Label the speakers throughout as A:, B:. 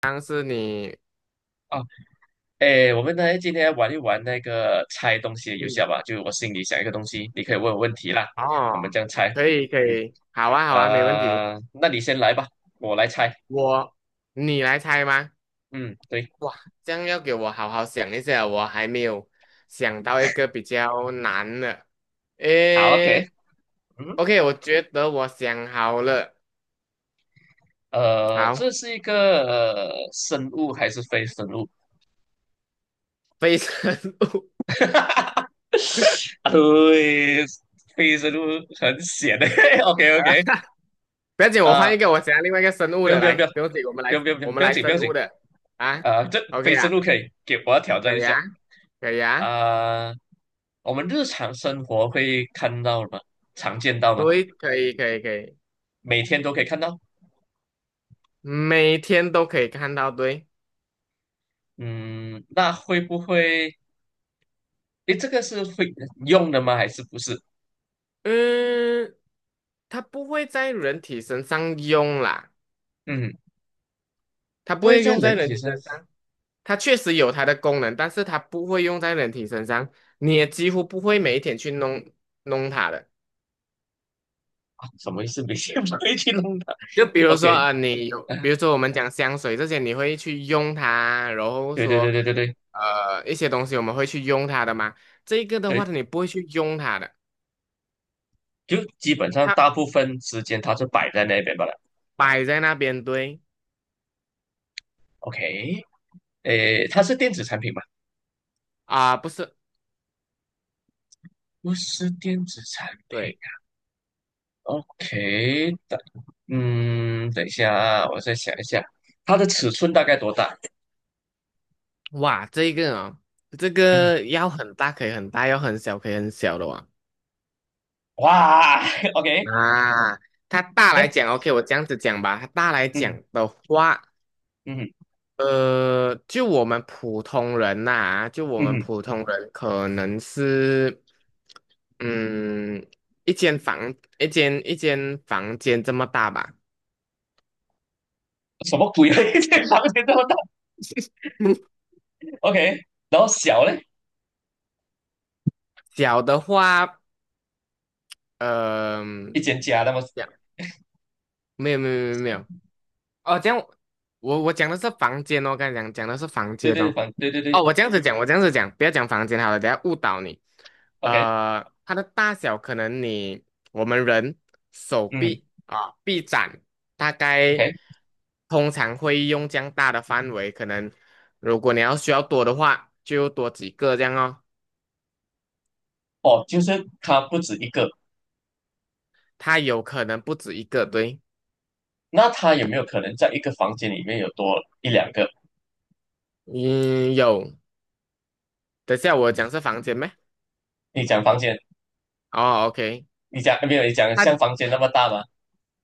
A: 但是你，
B: 啊，哎，我们来今天玩一玩那个猜东西的游戏
A: 嗯，
B: 好吧？就我心里想一个东西，你可以问我问题啦，我们
A: 哦，
B: 这样猜。
A: 可以可
B: 嗯，
A: 以，好啊，没问题。
B: 那你先来吧，我来猜。
A: 我，你来猜吗？
B: 嗯，对，
A: 哇，这样要给我好好想一下，我还没有想到一个比较难的。
B: 好，OK。
A: 诶
B: 嗯，
A: ，OK，我觉得我想好了。
B: 这
A: 好，
B: 是一个、呃生物还是非生物？
A: 非生物。
B: 啊对，非生物很险的。OK OK。
A: 不要紧，我换
B: 啊、
A: 一个，我想要另外一个生物
B: 不用
A: 的
B: 不用不用
A: 来，不用紧，我们来我们来
B: 不
A: 生
B: 要紧。
A: 物的啊。
B: 这
A: OK
B: 非
A: 啊，
B: 生物可以给我要挑战
A: 可
B: 一
A: 以
B: 下。
A: 啊，可以啊。
B: 啊、我们日常生活会看到吗？常见到吗？
A: 对，可以。
B: 每天都可以看到。
A: 每天都可以看到，对。
B: 嗯，那会不会？诶，这个是会用的吗？还是不是？
A: 嗯，它不会在人体身上用啦，
B: 嗯，
A: 它不
B: 不会
A: 会
B: 在
A: 用
B: 人
A: 在人
B: 体
A: 体
B: 上
A: 身上，它确实有它的功能，但是它不会用在人体身上，你也几乎不会每一天去弄它的。
B: 啊？什么意思？每天不会去弄它
A: 就比如说
B: ？OK，
A: 啊、你有，
B: 啊
A: 比如说我们讲香水这些，你会去用它，然后
B: 对对对
A: 说
B: 对对对
A: 一些东西我们会去用它的嘛，这个的
B: 对，
A: 话你不会去用它的，
B: 就基本上大
A: 它
B: 部分时间它是摆在那边罢了。
A: 摆在那边。对
B: OK，诶，它是电子产品吗？
A: 啊、不是。
B: 不是电子产品。
A: 对。
B: OK，嗯，等一下啊，我再想一下，它的尺寸大概多大？
A: 哇，这个哦，这
B: 嗯，
A: 个要很大可以很大，要很小可以很小的哇。
B: 哇 ，OK。
A: 啊，它大
B: 这，
A: 来讲，OK，我这样子讲吧，它大来讲
B: 嗯
A: 的话，
B: 嗯
A: 就我们普通人呐、就我们
B: 嗯，
A: 普通人可能是，嗯，一间房，一间房间这么大吧。
B: 什么鬼啊？间房间这么大 ？OK，然后小嘞，
A: 小的话，呃，
B: 一间家那么，
A: 这样没有，哦，这样我讲的是房间哦，刚才讲的是房
B: 对
A: 间
B: 对
A: 哦。
B: 房，对对
A: 哦，
B: 对
A: 我这样子讲，我这样子讲，不要讲房间好了，等下误导你。
B: ，OK，
A: 呃，它的大小可能你我们人手
B: 嗯
A: 臂啊臂展大概
B: ，OK。
A: 通常会用这样大的范围，可能如果你要需要多的话，就多几个这样哦。
B: 哦，就是它不止一个，
A: 它有可能不止一个，对。
B: 那它有没有可能在一个房间里面有多一两个？
A: 嗯，有。等下我讲是房间咩？
B: 你讲房间，
A: 哦，OK。
B: 你讲没有？你讲像
A: 它
B: 房间那么大吗？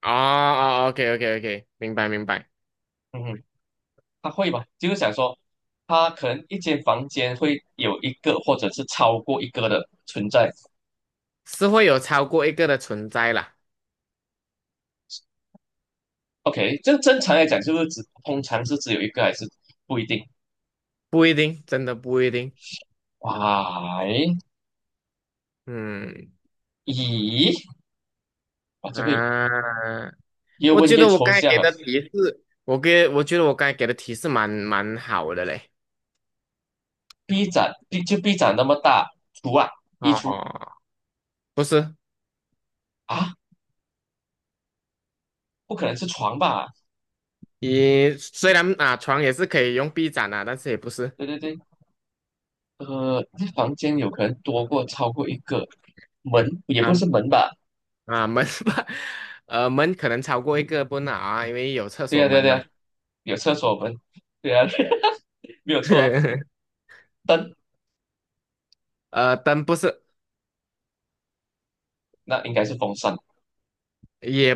A: 哦，OK OK OK,明白，
B: 嗯哼。他会吧？就是想说，他可能一间房间会有一个或者是超过一个的存在。
A: 是会有超过一个的存在啦。
B: OK，这正常来讲是不是只通常是只有一个还是不一定？
A: 不一定，真的不一定。
B: 哇，诶
A: 嗯，
B: 咦，哇，这个
A: 啊，
B: 越
A: 我
B: 问
A: 觉
B: 越
A: 得我
B: 抽
A: 刚才
B: 象
A: 给
B: 了。
A: 的提示，我觉得我刚才给的提示蛮好的嘞。
B: B 展，B 展那么大，厨啊，衣橱
A: 哦，不是，
B: 啊，不可能是床吧？
A: 你虽然啊床也是可以用臂展啊，但是也不是。
B: 对对对，这房间有可能多过超过一个门，也不
A: 啊
B: 是门吧？
A: 门吧，门可能超过一个不能啊，因为有厕
B: 对
A: 所
B: 呀、对呀、
A: 门
B: 对呀、
A: 嘛。
B: 有厕所门，对呀、没有错啊。灯。
A: 呃，灯不是，
B: 那应该是风扇，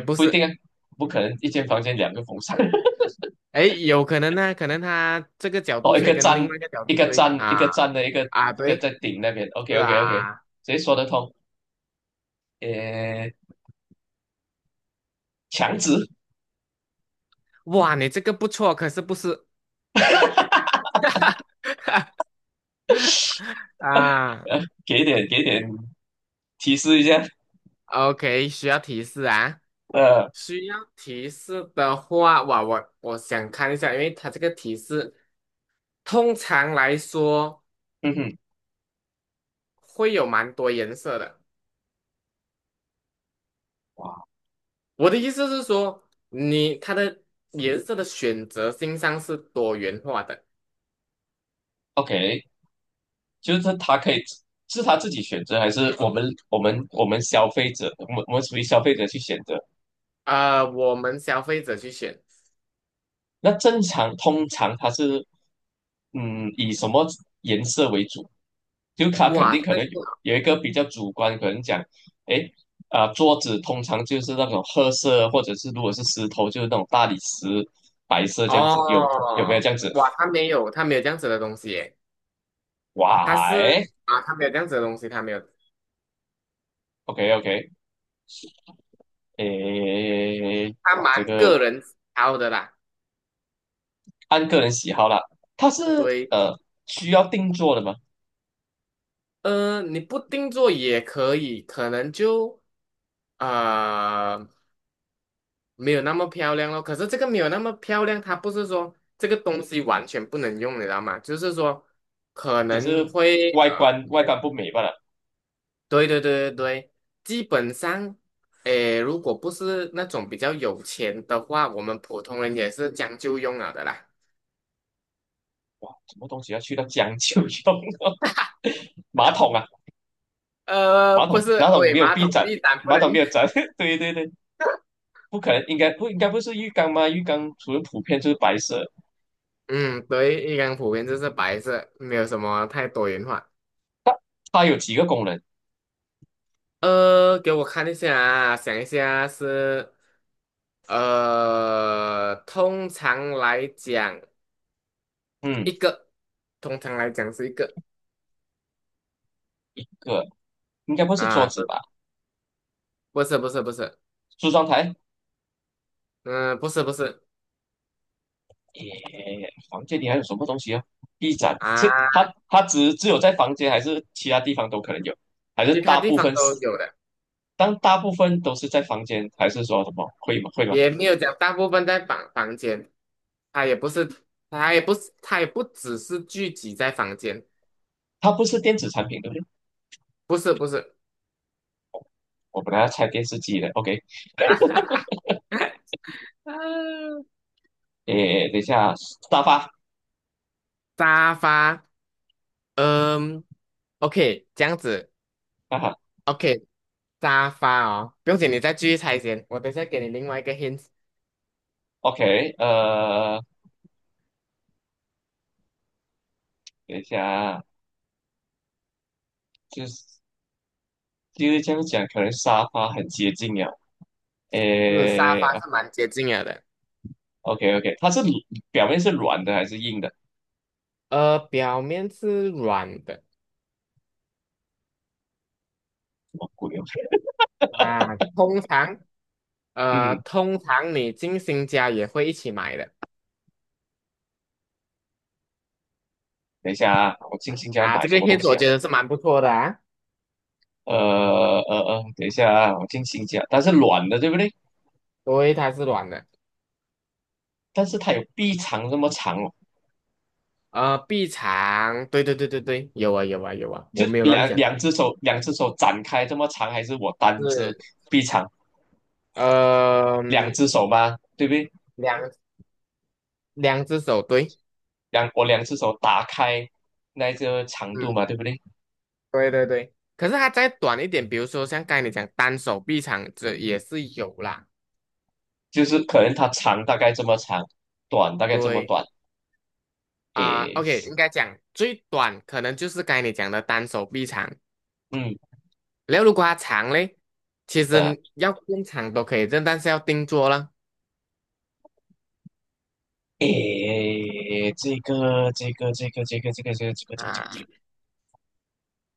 A: 也不
B: 不一
A: 是。
B: 定啊，不可能一间房间两个风扇。
A: 哎，有可能呢，可能他这个角 度
B: 哦，一
A: 吹
B: 个
A: 跟
B: 站
A: 另外一个角
B: 一
A: 度
B: 个
A: 吹
B: 站
A: 啊，
B: 一个站的一个
A: 啊
B: 一个
A: 对，
B: 在顶那边，OK
A: 是
B: OK OK，
A: 啊。
B: 谁说得通？呃，墙纸。
A: 哇，你这个不错，可是不是啊
B: 呃，给点给点提示一下，
A: ？OK,需要提示啊。
B: 呃，
A: 需要提示的话，哇，我想看一下，因为它这个提示通常来说
B: 嗯哼，
A: 会有蛮多颜色的。
B: 哇
A: 我的意思是说，你它的颜色的选择性上是多元化的。
B: ，OK。就是他可以是他自己选择，还是我们消费者，我们属于消费者去选择？
A: 呃，我们消费者去选。
B: 那正常通常它是以什么颜色为主？就它肯
A: 哇，
B: 定可
A: 这
B: 能
A: 个
B: 有一个比较主观，可能讲，诶，桌子通常就是那种褐色，或者是如果是石头就是那种大理石白色这样
A: 哦，
B: 子，有没有这样子？
A: 哇，它没有，它没有这样子的东西耶，它
B: 哇，诶，
A: 是啊，它没有这样子的东西，它没有。
B: o k OK。诶，
A: 它
B: 哇，这
A: 蛮
B: 个
A: 个人挑的啦。
B: 按个人喜好啦，它是
A: 对。
B: 呃需要定做的吗？
A: 你不定做也可以，可能就呃没有那么漂亮咯。可是这个没有那么漂亮，它不是说这个东西完全不能用，你知道吗？就是说可
B: 只
A: 能
B: 是
A: 会
B: 外观外观不美罢了。
A: 对对对对对，基本上，诶，如果不是那种比较有钱的话，我们普通人也是将就用了的啦。
B: 什么东西要去到将就用？马桶啊，
A: 呃，
B: 马
A: 不
B: 桶，
A: 是，
B: 马桶
A: 喂，
B: 没有
A: 马
B: 壁
A: 桶
B: 展，
A: 地板不
B: 马
A: 能。
B: 桶没有展，对对对。不可能，应该不是浴缸吗？浴缸除了普遍就是白色，
A: 嗯，对，一般普遍就是白色，没有什么太多元化。
B: 它有几个功能？
A: 给我看一下啊，想一下是，通常来讲
B: 嗯，
A: 一个，通常来讲是一个。
B: 个应该不是桌
A: 啊，
B: 子
A: 不，
B: 吧？
A: 不是，
B: 梳妆台？
A: 嗯，不是
B: 耶，房间里还有什么东西啊？壁展是
A: 啊，
B: 它只有在房间还是其他地方都可能有？还是
A: 其他
B: 大
A: 地
B: 部
A: 方
B: 分是？
A: 都有的。
B: 当大部分都是在房间，还是说什么会吗？会吗？
A: 也没有讲大部分在房间，它也不是，它也不是，它也不只是聚集在房间。
B: 它不是电子产品，对不对？
A: 不是不是。
B: 我本来要拆电视机的，OK。
A: 啊，
B: 诶，等一下，沙发
A: 沙发。嗯，OK,这样子
B: 哈哈
A: ，OK。沙发哦，不用紧，你再继续猜先，我等一下给你另外一个 hint。
B: ，OK。等一下啊，就是就是这样讲，可能沙发很接近了。
A: 是沙
B: 诶
A: 发是蛮接近了的。
B: ，OK OK，表面是软的还是硬的？什
A: 表面是软的
B: 么鬼哦？
A: 啊。通常，
B: 嗯，
A: 通常你进新家也会一起买的
B: 等一下啊，我进新家
A: 啊，
B: 买
A: 这个
B: 什么东
A: hint
B: 西
A: 我
B: 啊？
A: 觉得是蛮不错的啊。
B: 呃等一下啊，我进新家，它是软的，对不对？
A: 对，它是软的。
B: 但是它有臂长这么长哦，
A: 呃，臂长，对对对对对，有啊有啊有啊，
B: 就
A: 我没有乱讲。
B: 两只手，两只手展开这么长，还是我单只
A: 是，
B: 臂长？
A: 呃，
B: 两只手吗？对不对？
A: 两两只手，对。
B: 我两只手打开那个长度
A: 嗯。
B: 嘛，对不对？
A: 对对对，可是它再短一点，比如说像刚才你讲单手臂长，这也是有啦。
B: 就是可能它长大概这么长，短大概这么
A: 对
B: 短，
A: 啊
B: 诶，
A: ，OK,应该讲最短可能就是刚才你讲的单手臂长。
B: 嗯，
A: 然后如果它长嘞，其
B: 呃，
A: 实要更长都可以，但是要定做了
B: 诶，这
A: 啊。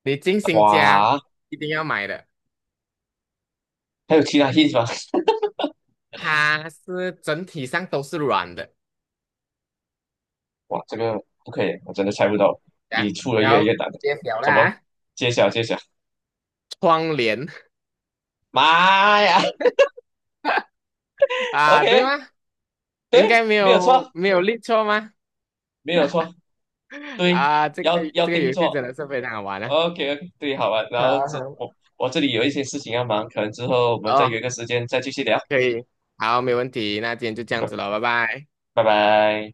A: 你进
B: 个，
A: 新家
B: 哇，
A: 一定要买的，
B: 还有其他意思吗？
A: 它是整体上都是软的。
B: 哇，这个不可以，我真的猜不到，你
A: 啊，
B: 出的越
A: 然
B: 来越
A: 后
B: 难了，
A: 变小了
B: 怎么
A: 啊，
B: 揭晓揭晓？
A: 窗帘。
B: 妈呀
A: 啊，对
B: ，OK，
A: 吗？应该
B: 对，
A: 没
B: 没有
A: 有
B: 错，
A: 没有立错吗？
B: 没有错，对，
A: 啊，
B: 要
A: 这个游
B: 定
A: 戏真
B: 做。
A: 的是非常好玩啊。
B: OK，对，好吧，然
A: 好
B: 后这
A: 好，
B: 我我这里有一些事情要忙，可能之后我们再约
A: 哦，
B: 个时间再继续聊。
A: 可以，好，没问题，那今天就这样子了，拜拜。
B: 拜拜。